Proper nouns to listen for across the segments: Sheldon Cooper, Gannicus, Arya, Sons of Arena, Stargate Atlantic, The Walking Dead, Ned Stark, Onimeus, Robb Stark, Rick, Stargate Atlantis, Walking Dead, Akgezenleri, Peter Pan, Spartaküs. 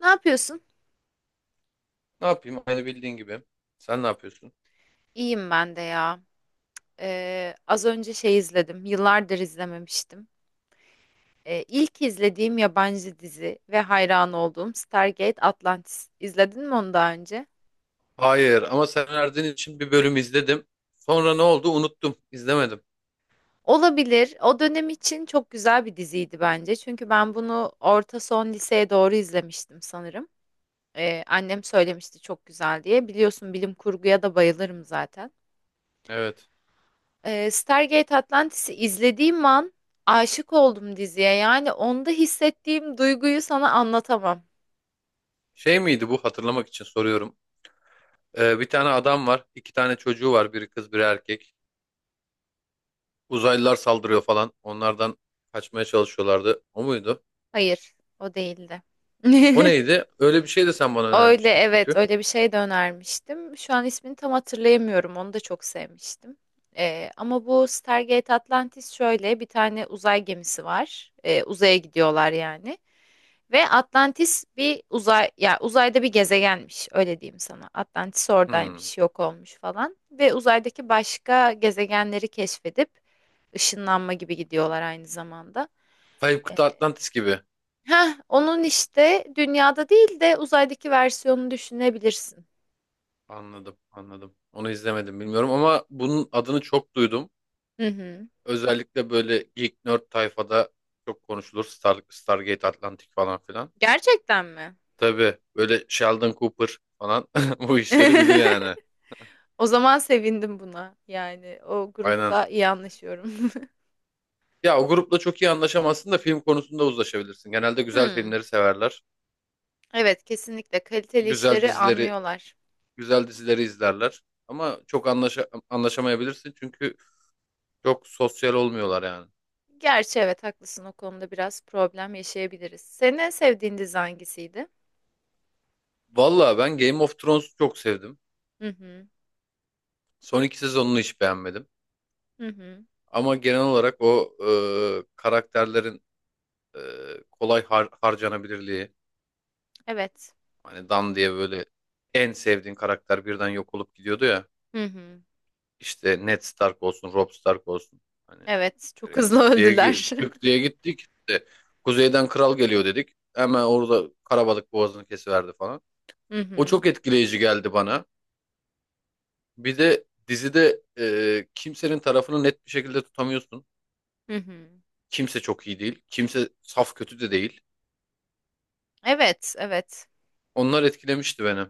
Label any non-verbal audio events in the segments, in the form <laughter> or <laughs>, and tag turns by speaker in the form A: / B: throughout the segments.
A: Ne yapıyorsun?
B: Ne yapayım? Aynı bildiğin gibi. Sen ne yapıyorsun?
A: İyiyim ben de ya. Az önce şey izledim. Yıllardır izlememiştim. İlk izlediğim yabancı dizi ve hayran olduğum Stargate Atlantis. İzledin mi onu daha önce?
B: Hayır ama sen Erdin için bir bölüm izledim. Sonra ne oldu? Unuttum. İzlemedim.
A: Olabilir. O dönem için çok güzel bir diziydi bence. Çünkü ben bunu orta son liseye doğru izlemiştim sanırım. Annem söylemişti çok güzel diye. Biliyorsun bilim kurguya da bayılırım zaten.
B: Evet.
A: Stargate Atlantis'i izlediğim an aşık oldum diziye. Yani onda hissettiğim duyguyu sana anlatamam.
B: Şey miydi bu? Hatırlamak için soruyorum. Bir tane adam var. İki tane çocuğu var. Biri kız, biri erkek. Uzaylılar saldırıyor falan. Onlardan kaçmaya çalışıyorlardı. O muydu?
A: Hayır, o değildi.
B: O
A: <laughs>
B: neydi? Öyle bir şey de sen bana
A: Öyle
B: önermiştin
A: evet,
B: çünkü.
A: öyle bir şey de önermiştim. Şu an ismini tam hatırlayamıyorum. Onu da çok sevmiştim. Ama bu Stargate Atlantis şöyle bir tane uzay gemisi var. Uzaya gidiyorlar yani. Ve Atlantis bir uzay ya uzayda bir gezegenmiş öyle diyeyim sana. Atlantis
B: Hmm.
A: oradaymış, yok olmuş falan ve uzaydaki başka gezegenleri keşfedip ışınlanma gibi gidiyorlar aynı zamanda.
B: Kayıp
A: E,
B: Kıta Atlantis gibi.
A: Heh, onun işte dünyada değil de uzaydaki versiyonunu düşünebilirsin.
B: Anladım, anladım. Onu izlemedim, bilmiyorum, ama bunun adını çok duydum.
A: Hı hı.
B: Özellikle böyle geek nerd tayfada çok konuşulur. Stargate Atlantic falan filan.
A: Gerçekten mi?
B: Tabii, böyle Sheldon Cooper falan <laughs> bu işleri bilir
A: <laughs>
B: yani.
A: O zaman sevindim buna. Yani o
B: Aynen.
A: grupla iyi anlaşıyorum. <laughs>
B: Ya, o grupla çok iyi anlaşamazsın da film konusunda uzlaşabilirsin. Genelde güzel
A: Hmm.
B: filmleri severler.
A: Evet, kesinlikle kaliteli
B: Güzel
A: işleri
B: dizileri,
A: anlıyorlar.
B: güzel dizileri izlerler. Ama çok anlaşamayabilirsin çünkü çok sosyal olmuyorlar yani.
A: Gerçi evet haklısın o konuda biraz problem yaşayabiliriz. Senin en sevdiğin dizi hangisiydi?
B: Valla ben Game of Thrones'u çok sevdim.
A: Hı hı.
B: Son 2 sezonunu hiç beğenmedim.
A: Hı hı.
B: Ama genel olarak o karakterlerin e, kolay harcanabilirliği.
A: Evet.
B: Hani Dan diye böyle en sevdiğin karakter birden yok olup gidiyordu ya.
A: Hı hı.
B: İşte Ned Stark olsun, Robb Stark olsun. Hani
A: Evet. Çok
B: direkt
A: hızlı
B: tık diye,
A: öldüler.
B: tık diye gittik. İşte kuzeyden kral geliyor dedik. Hemen orada karabalık boğazını kesiverdi falan.
A: <laughs> Hı
B: O
A: hı.
B: çok etkileyici geldi bana. Bir de dizide kimsenin tarafını net bir şekilde tutamıyorsun.
A: Hı hı.
B: Kimse çok iyi değil. Kimse saf kötü de değil.
A: Evet, evet.
B: Onlar etkilemişti beni.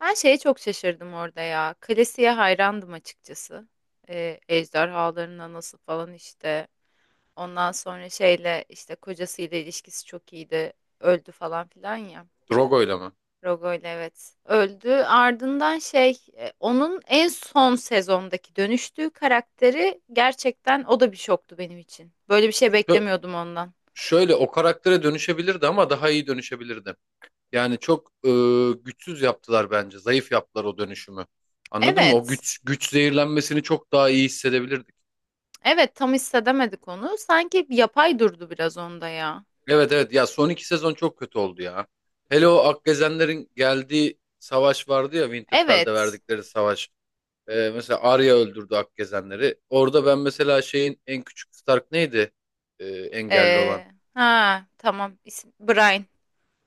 A: Ben şeye çok şaşırdım orada ya. Kalesi'ye hayrandım açıkçası. Ejderhaların anası falan işte. Ondan sonra şeyle işte kocasıyla ilişkisi çok iyiydi. Öldü falan filan ya.
B: Drogo'yla mı?
A: Rogoyla evet. Öldü. Ardından onun en son sezondaki dönüştüğü karakteri gerçekten o da bir şoktu benim için. Böyle bir şey beklemiyordum ondan.
B: Şöyle, o karaktere dönüşebilirdi ama daha iyi dönüşebilirdi. Yani çok güçsüz yaptılar bence. Zayıf yaptılar o dönüşümü. Anladın mı? O
A: Evet.
B: güç zehirlenmesini çok daha iyi hissedebilirdik.
A: Evet tam hissedemedik onu. Sanki yapay durdu biraz onda ya.
B: Evet, evet, ya son iki sezon çok kötü oldu ya. Hele o Akgezenlerin geldiği savaş vardı ya, Winterfell'de
A: Evet.
B: verdikleri savaş. Mesela Arya öldürdü Akgezenleri. Orada ben mesela şeyin en küçük Stark neydi? Engelli olan.
A: Ee, ha tamam. İsmi Brian.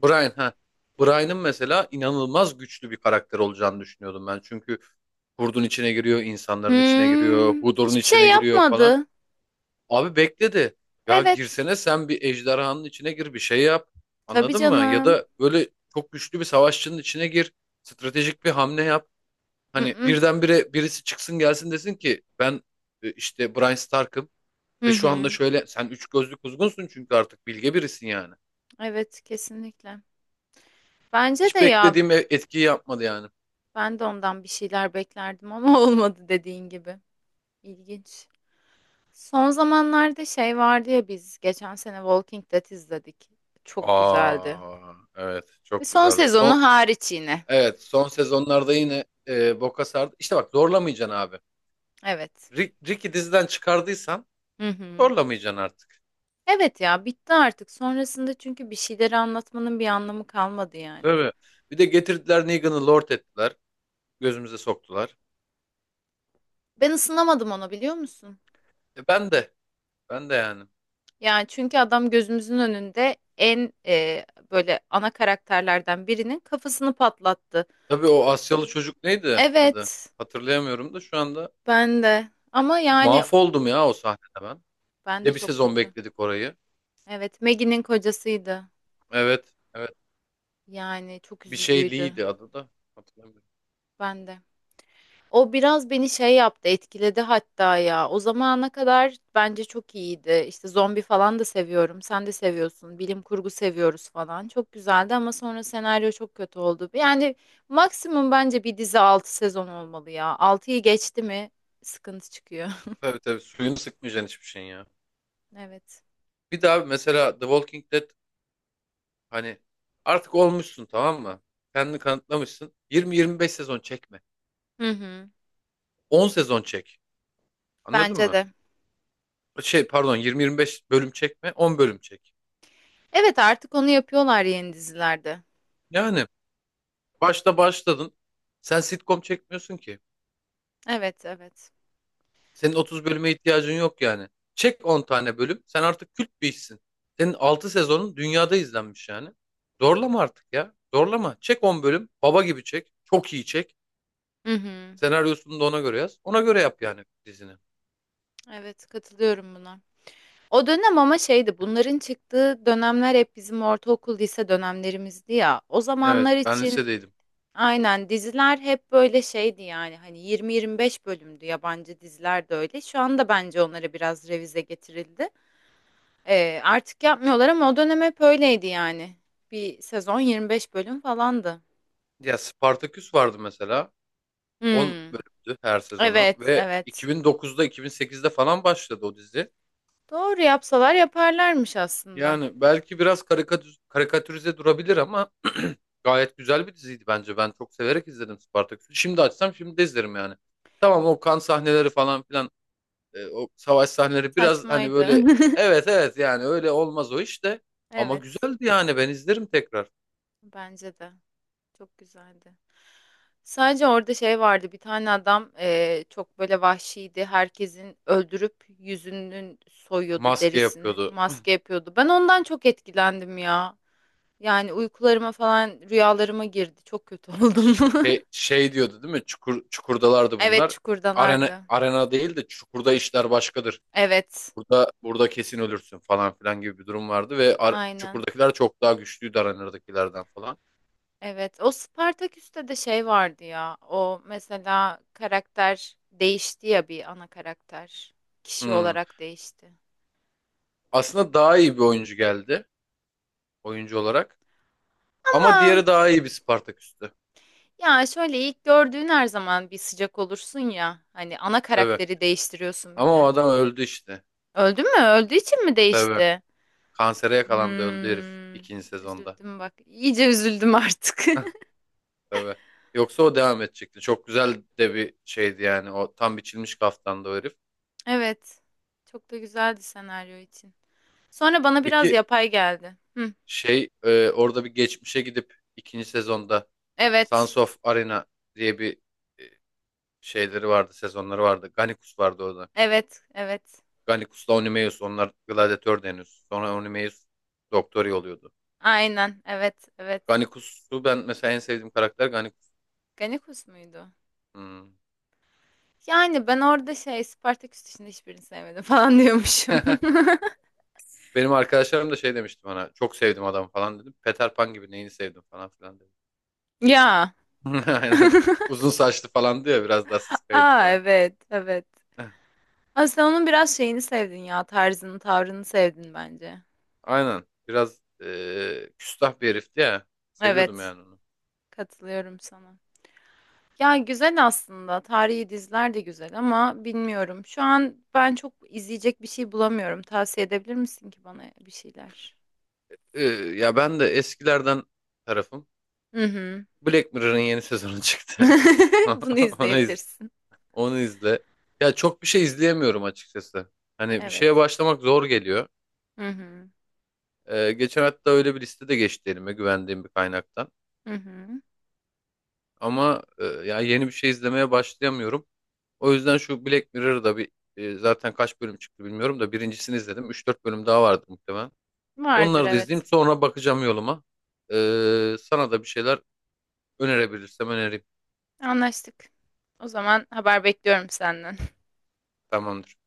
B: Brian ha. Brian'ın mesela inanılmaz güçlü bir karakter olacağını düşünüyordum ben. Çünkü kurdun içine giriyor, insanların içine giriyor,
A: Hmm,
B: Hodor'un
A: hiçbir
B: içine
A: şey
B: giriyor falan.
A: yapmadı.
B: Abi bekledi. Ya
A: Evet.
B: girsene sen, bir ejderhanın içine gir, bir şey yap.
A: Tabii
B: Anladın mı? Ya
A: canım.
B: da böyle çok güçlü bir savaşçının içine gir. Stratejik bir hamle yap. Hani
A: Mm-mm.
B: birdenbire birisi çıksın gelsin, desin ki ben işte Brian Stark'ım
A: Hı
B: ve şu anda
A: hı.
B: şöyle sen üç gözlü kuzgunsun çünkü artık bilge birisin yani.
A: Evet kesinlikle. Bence de
B: Hiç
A: ya.
B: beklediğim etkiyi yapmadı yani.
A: Ben de ondan bir şeyler beklerdim ama <laughs> olmadı dediğin gibi. İlginç. Son zamanlarda şey vardı ya biz geçen sene Walking Dead izledik. Çok güzeldi.
B: Aa, evet,
A: Ve
B: çok
A: son
B: güzeldi. Son
A: sezonu hariç yine.
B: evet son sezonlarda yine boka sardı. İşte bak, zorlamayacaksın abi.
A: Evet.
B: Rick'i diziden çıkardıysan
A: Hı hı.
B: zorlamayacaksın artık.
A: Evet ya bitti artık. Sonrasında çünkü bir şeyleri anlatmanın bir anlamı kalmadı yani.
B: Tabii. Bir de getirdiler, Negan'ı lord ettiler. Gözümüze soktular.
A: Ben ısınamadım ona biliyor musun?
B: E, ben de ben de yani.
A: Yani çünkü adam gözümüzün önünde böyle ana karakterlerden birinin kafasını patlattı.
B: Tabii, o Asyalı çocuk neydi adı?
A: Evet.
B: Hatırlayamıyorum da şu anda
A: Ben de. Ama yani
B: mahvoldum ya o sahnede ben.
A: ben
B: Bir
A: de
B: de bir
A: çok
B: sezon
A: kötü.
B: bekledik orayı.
A: Evet, Maggie'nin kocasıydı.
B: Evet, evet.
A: Yani çok
B: Bir şey
A: üzücüydü.
B: Lee'ydi adı da. Hatırlamıyorum.
A: Ben de. O biraz beni şey yaptı, etkiledi hatta ya. O zamana kadar bence çok iyiydi. İşte zombi falan da seviyorum. Sen de seviyorsun. Bilim kurgu seviyoruz falan. Çok güzeldi ama sonra senaryo çok kötü oldu. Yani maksimum bence bir dizi 6 sezon olmalı ya. 6'yı geçti mi sıkıntı çıkıyor. <laughs>
B: Tabii, tabii, suyunu sıkmayacaksın hiçbir şeyin ya.
A: Evet.
B: Bir daha mesela The Walking Dead, hani artık olmuşsun, tamam mı? Kendini kanıtlamışsın. 20-25 sezon çekme.
A: Hı hı.
B: 10 sezon çek. Anladın
A: Bence
B: mı?
A: de.
B: Şey, pardon, 20-25 bölüm çekme, 10 bölüm çek.
A: Evet artık onu yapıyorlar yeni dizilerde.
B: Yani başta başladın. Sen sitcom çekmiyorsun ki.
A: Evet, evet.
B: Senin 30 bölüme ihtiyacın yok yani. Çek 10 tane bölüm. Sen artık kült bir işsin. Senin 6 sezonun dünyada izlenmiş yani. Zorlama artık ya. Zorlama. Çek 10 bölüm. Baba gibi çek. Çok iyi çek.
A: Hı hı.
B: Senaryosunu da ona göre yaz. Ona göre yap yani dizini.
A: Evet, katılıyorum buna. O dönem ama şeydi, bunların çıktığı dönemler hep bizim ortaokul, lise dönemlerimizdi ya. O
B: Evet,
A: zamanlar
B: ben
A: için
B: lisedeydim.
A: aynen diziler hep böyle şeydi yani. Hani 20-25 bölümdü yabancı diziler de öyle. Şu anda bence onlara biraz revize getirildi. Artık yapmıyorlar ama o dönem hep öyleydi yani. Bir sezon 25 bölüm falandı.
B: Ya Spartaküs vardı mesela. 10
A: Hmm.
B: bölümdü her sezonu
A: Evet,
B: ve
A: evet.
B: 2009'da, 2008'de falan başladı o dizi.
A: Doğru yapsalar yaparlarmış aslında.
B: Yani belki biraz karikatürize durabilir ama <clears throat> gayet güzel bir diziydi bence. Ben çok severek izledim Spartaküs'ü. Şimdi açsam şimdi de izlerim yani. Tamam, o kan sahneleri falan filan, o savaş sahneleri biraz hani
A: Saçmaydı.
B: böyle,
A: <laughs>
B: evet, evet, yani öyle olmaz o işte. Ama
A: Evet,
B: güzeldi yani, ben izlerim tekrar.
A: bence de. Çok güzeldi. Sadece orada şey vardı. Bir tane adam çok böyle vahşiydi. Herkesin öldürüp yüzünün soyuyordu
B: Maske
A: derisini.
B: yapıyordu.
A: Maske yapıyordu. Ben ondan çok etkilendim ya. Yani uykularıma falan rüyalarıma girdi. Çok kötü <laughs> oldum.
B: Şey, diyordu değil mi? Çukurdalardı
A: Evet,
B: bunlar. Arena,
A: çukurdalardı.
B: arena değil de çukurda işler başkadır.
A: Evet,
B: Burada burada kesin ölürsün falan filan gibi bir durum vardı ve
A: aynen.
B: çukurdakiler çok daha güçlüydü arenadakilerden falan.
A: Evet, o Spartaküs'te de şey vardı ya. O mesela karakter değişti ya bir ana karakter. Kişi
B: Hmm.
A: olarak değişti.
B: Aslında daha iyi bir oyuncu geldi oyuncu olarak. Ama
A: Ama
B: diğeri daha iyi bir Spartaküs'tü.
A: ya şöyle ilk gördüğün her zaman bir sıcak olursun ya. Hani ana
B: Tabii.
A: karakteri değiştiriyorsun bir
B: Ama o
A: de.
B: adam öldü işte.
A: Öldü mü? Öldüğü için mi
B: Tabii.
A: değişti?
B: Kansere yakalandı, öldü herif
A: Hmm,
B: ikinci sezonda.
A: üzüldüm bak. İyice üzüldüm artık.
B: <laughs>
A: <laughs>
B: Tabii. Yoksa o devam edecekti. Çok güzel de bir şeydi yani. O tam biçilmiş kaftandı o herif.
A: Evet. Çok da güzeldi senaryo için. Sonra bana biraz
B: Peki,
A: yapay geldi. Hı,
B: Orada bir geçmişe gidip ikinci sezonda
A: evet.
B: Sons of Arena diye bir e, şeyleri vardı, sezonları vardı. Gannicus vardı orada.
A: Evet. Evet.
B: Gannicus'la Onimeus onlar gladiatördü henüz. Sonra Onimeus doktor oluyordu.
A: Aynen. Evet. Evet.
B: Gannicus'u ben mesela, en sevdiğim karakter Gannicus.
A: Ganikus muydu?
B: Hmm.
A: Yani ben orada şey Spartaküs dışında hiçbirini sevmedim falan diyormuşum.
B: <laughs> Benim arkadaşlarım da şey demişti bana. Çok sevdim adam falan dedim. Peter Pan gibi, neyini sevdim falan filan dedim.
A: <laughs> Ya.
B: <laughs> Aynen. Uzun saçlı falan diyor, biraz daha sıskaydı
A: Aa
B: falan.
A: evet evet.
B: <laughs>
A: Aslında onun biraz şeyini sevdin ya tarzını tavrını sevdin bence.
B: Aynen. Biraz küstah bir herifti ya. Seviyordum
A: Evet
B: yani onu.
A: katılıyorum sana. Ya güzel aslında tarihi diziler de güzel ama bilmiyorum. Şu an ben çok izleyecek bir şey bulamıyorum. Tavsiye edebilir misin ki bana bir şeyler?
B: Eee, ya, ben de eskilerden tarafım.
A: Hı hı.
B: Black Mirror'ın yeni sezonu çıktı.
A: <laughs> Bunu
B: <laughs> Onu iz,
A: izleyebilirsin.
B: onu izle. Ya çok bir şey izleyemiyorum açıkçası. Hani bir şeye
A: Evet.
B: başlamak zor geliyor.
A: Hı hı.
B: Geçen hatta öyle bir liste de geçti elime, güvendiğim bir kaynaktan.
A: Hı hı.
B: Ama ya yeni bir şey izlemeye başlayamıyorum. O yüzden şu Black Mirror'da bir zaten kaç bölüm çıktı bilmiyorum da birincisini izledim. Üç dört bölüm daha vardı muhtemelen.
A: Vardır
B: Onları da
A: evet.
B: izleyeyim, sonra bakacağım yoluma. Sana da bir şeyler önerebilirsem önereyim.
A: Anlaştık. O zaman haber bekliyorum senden.
B: Tamamdır.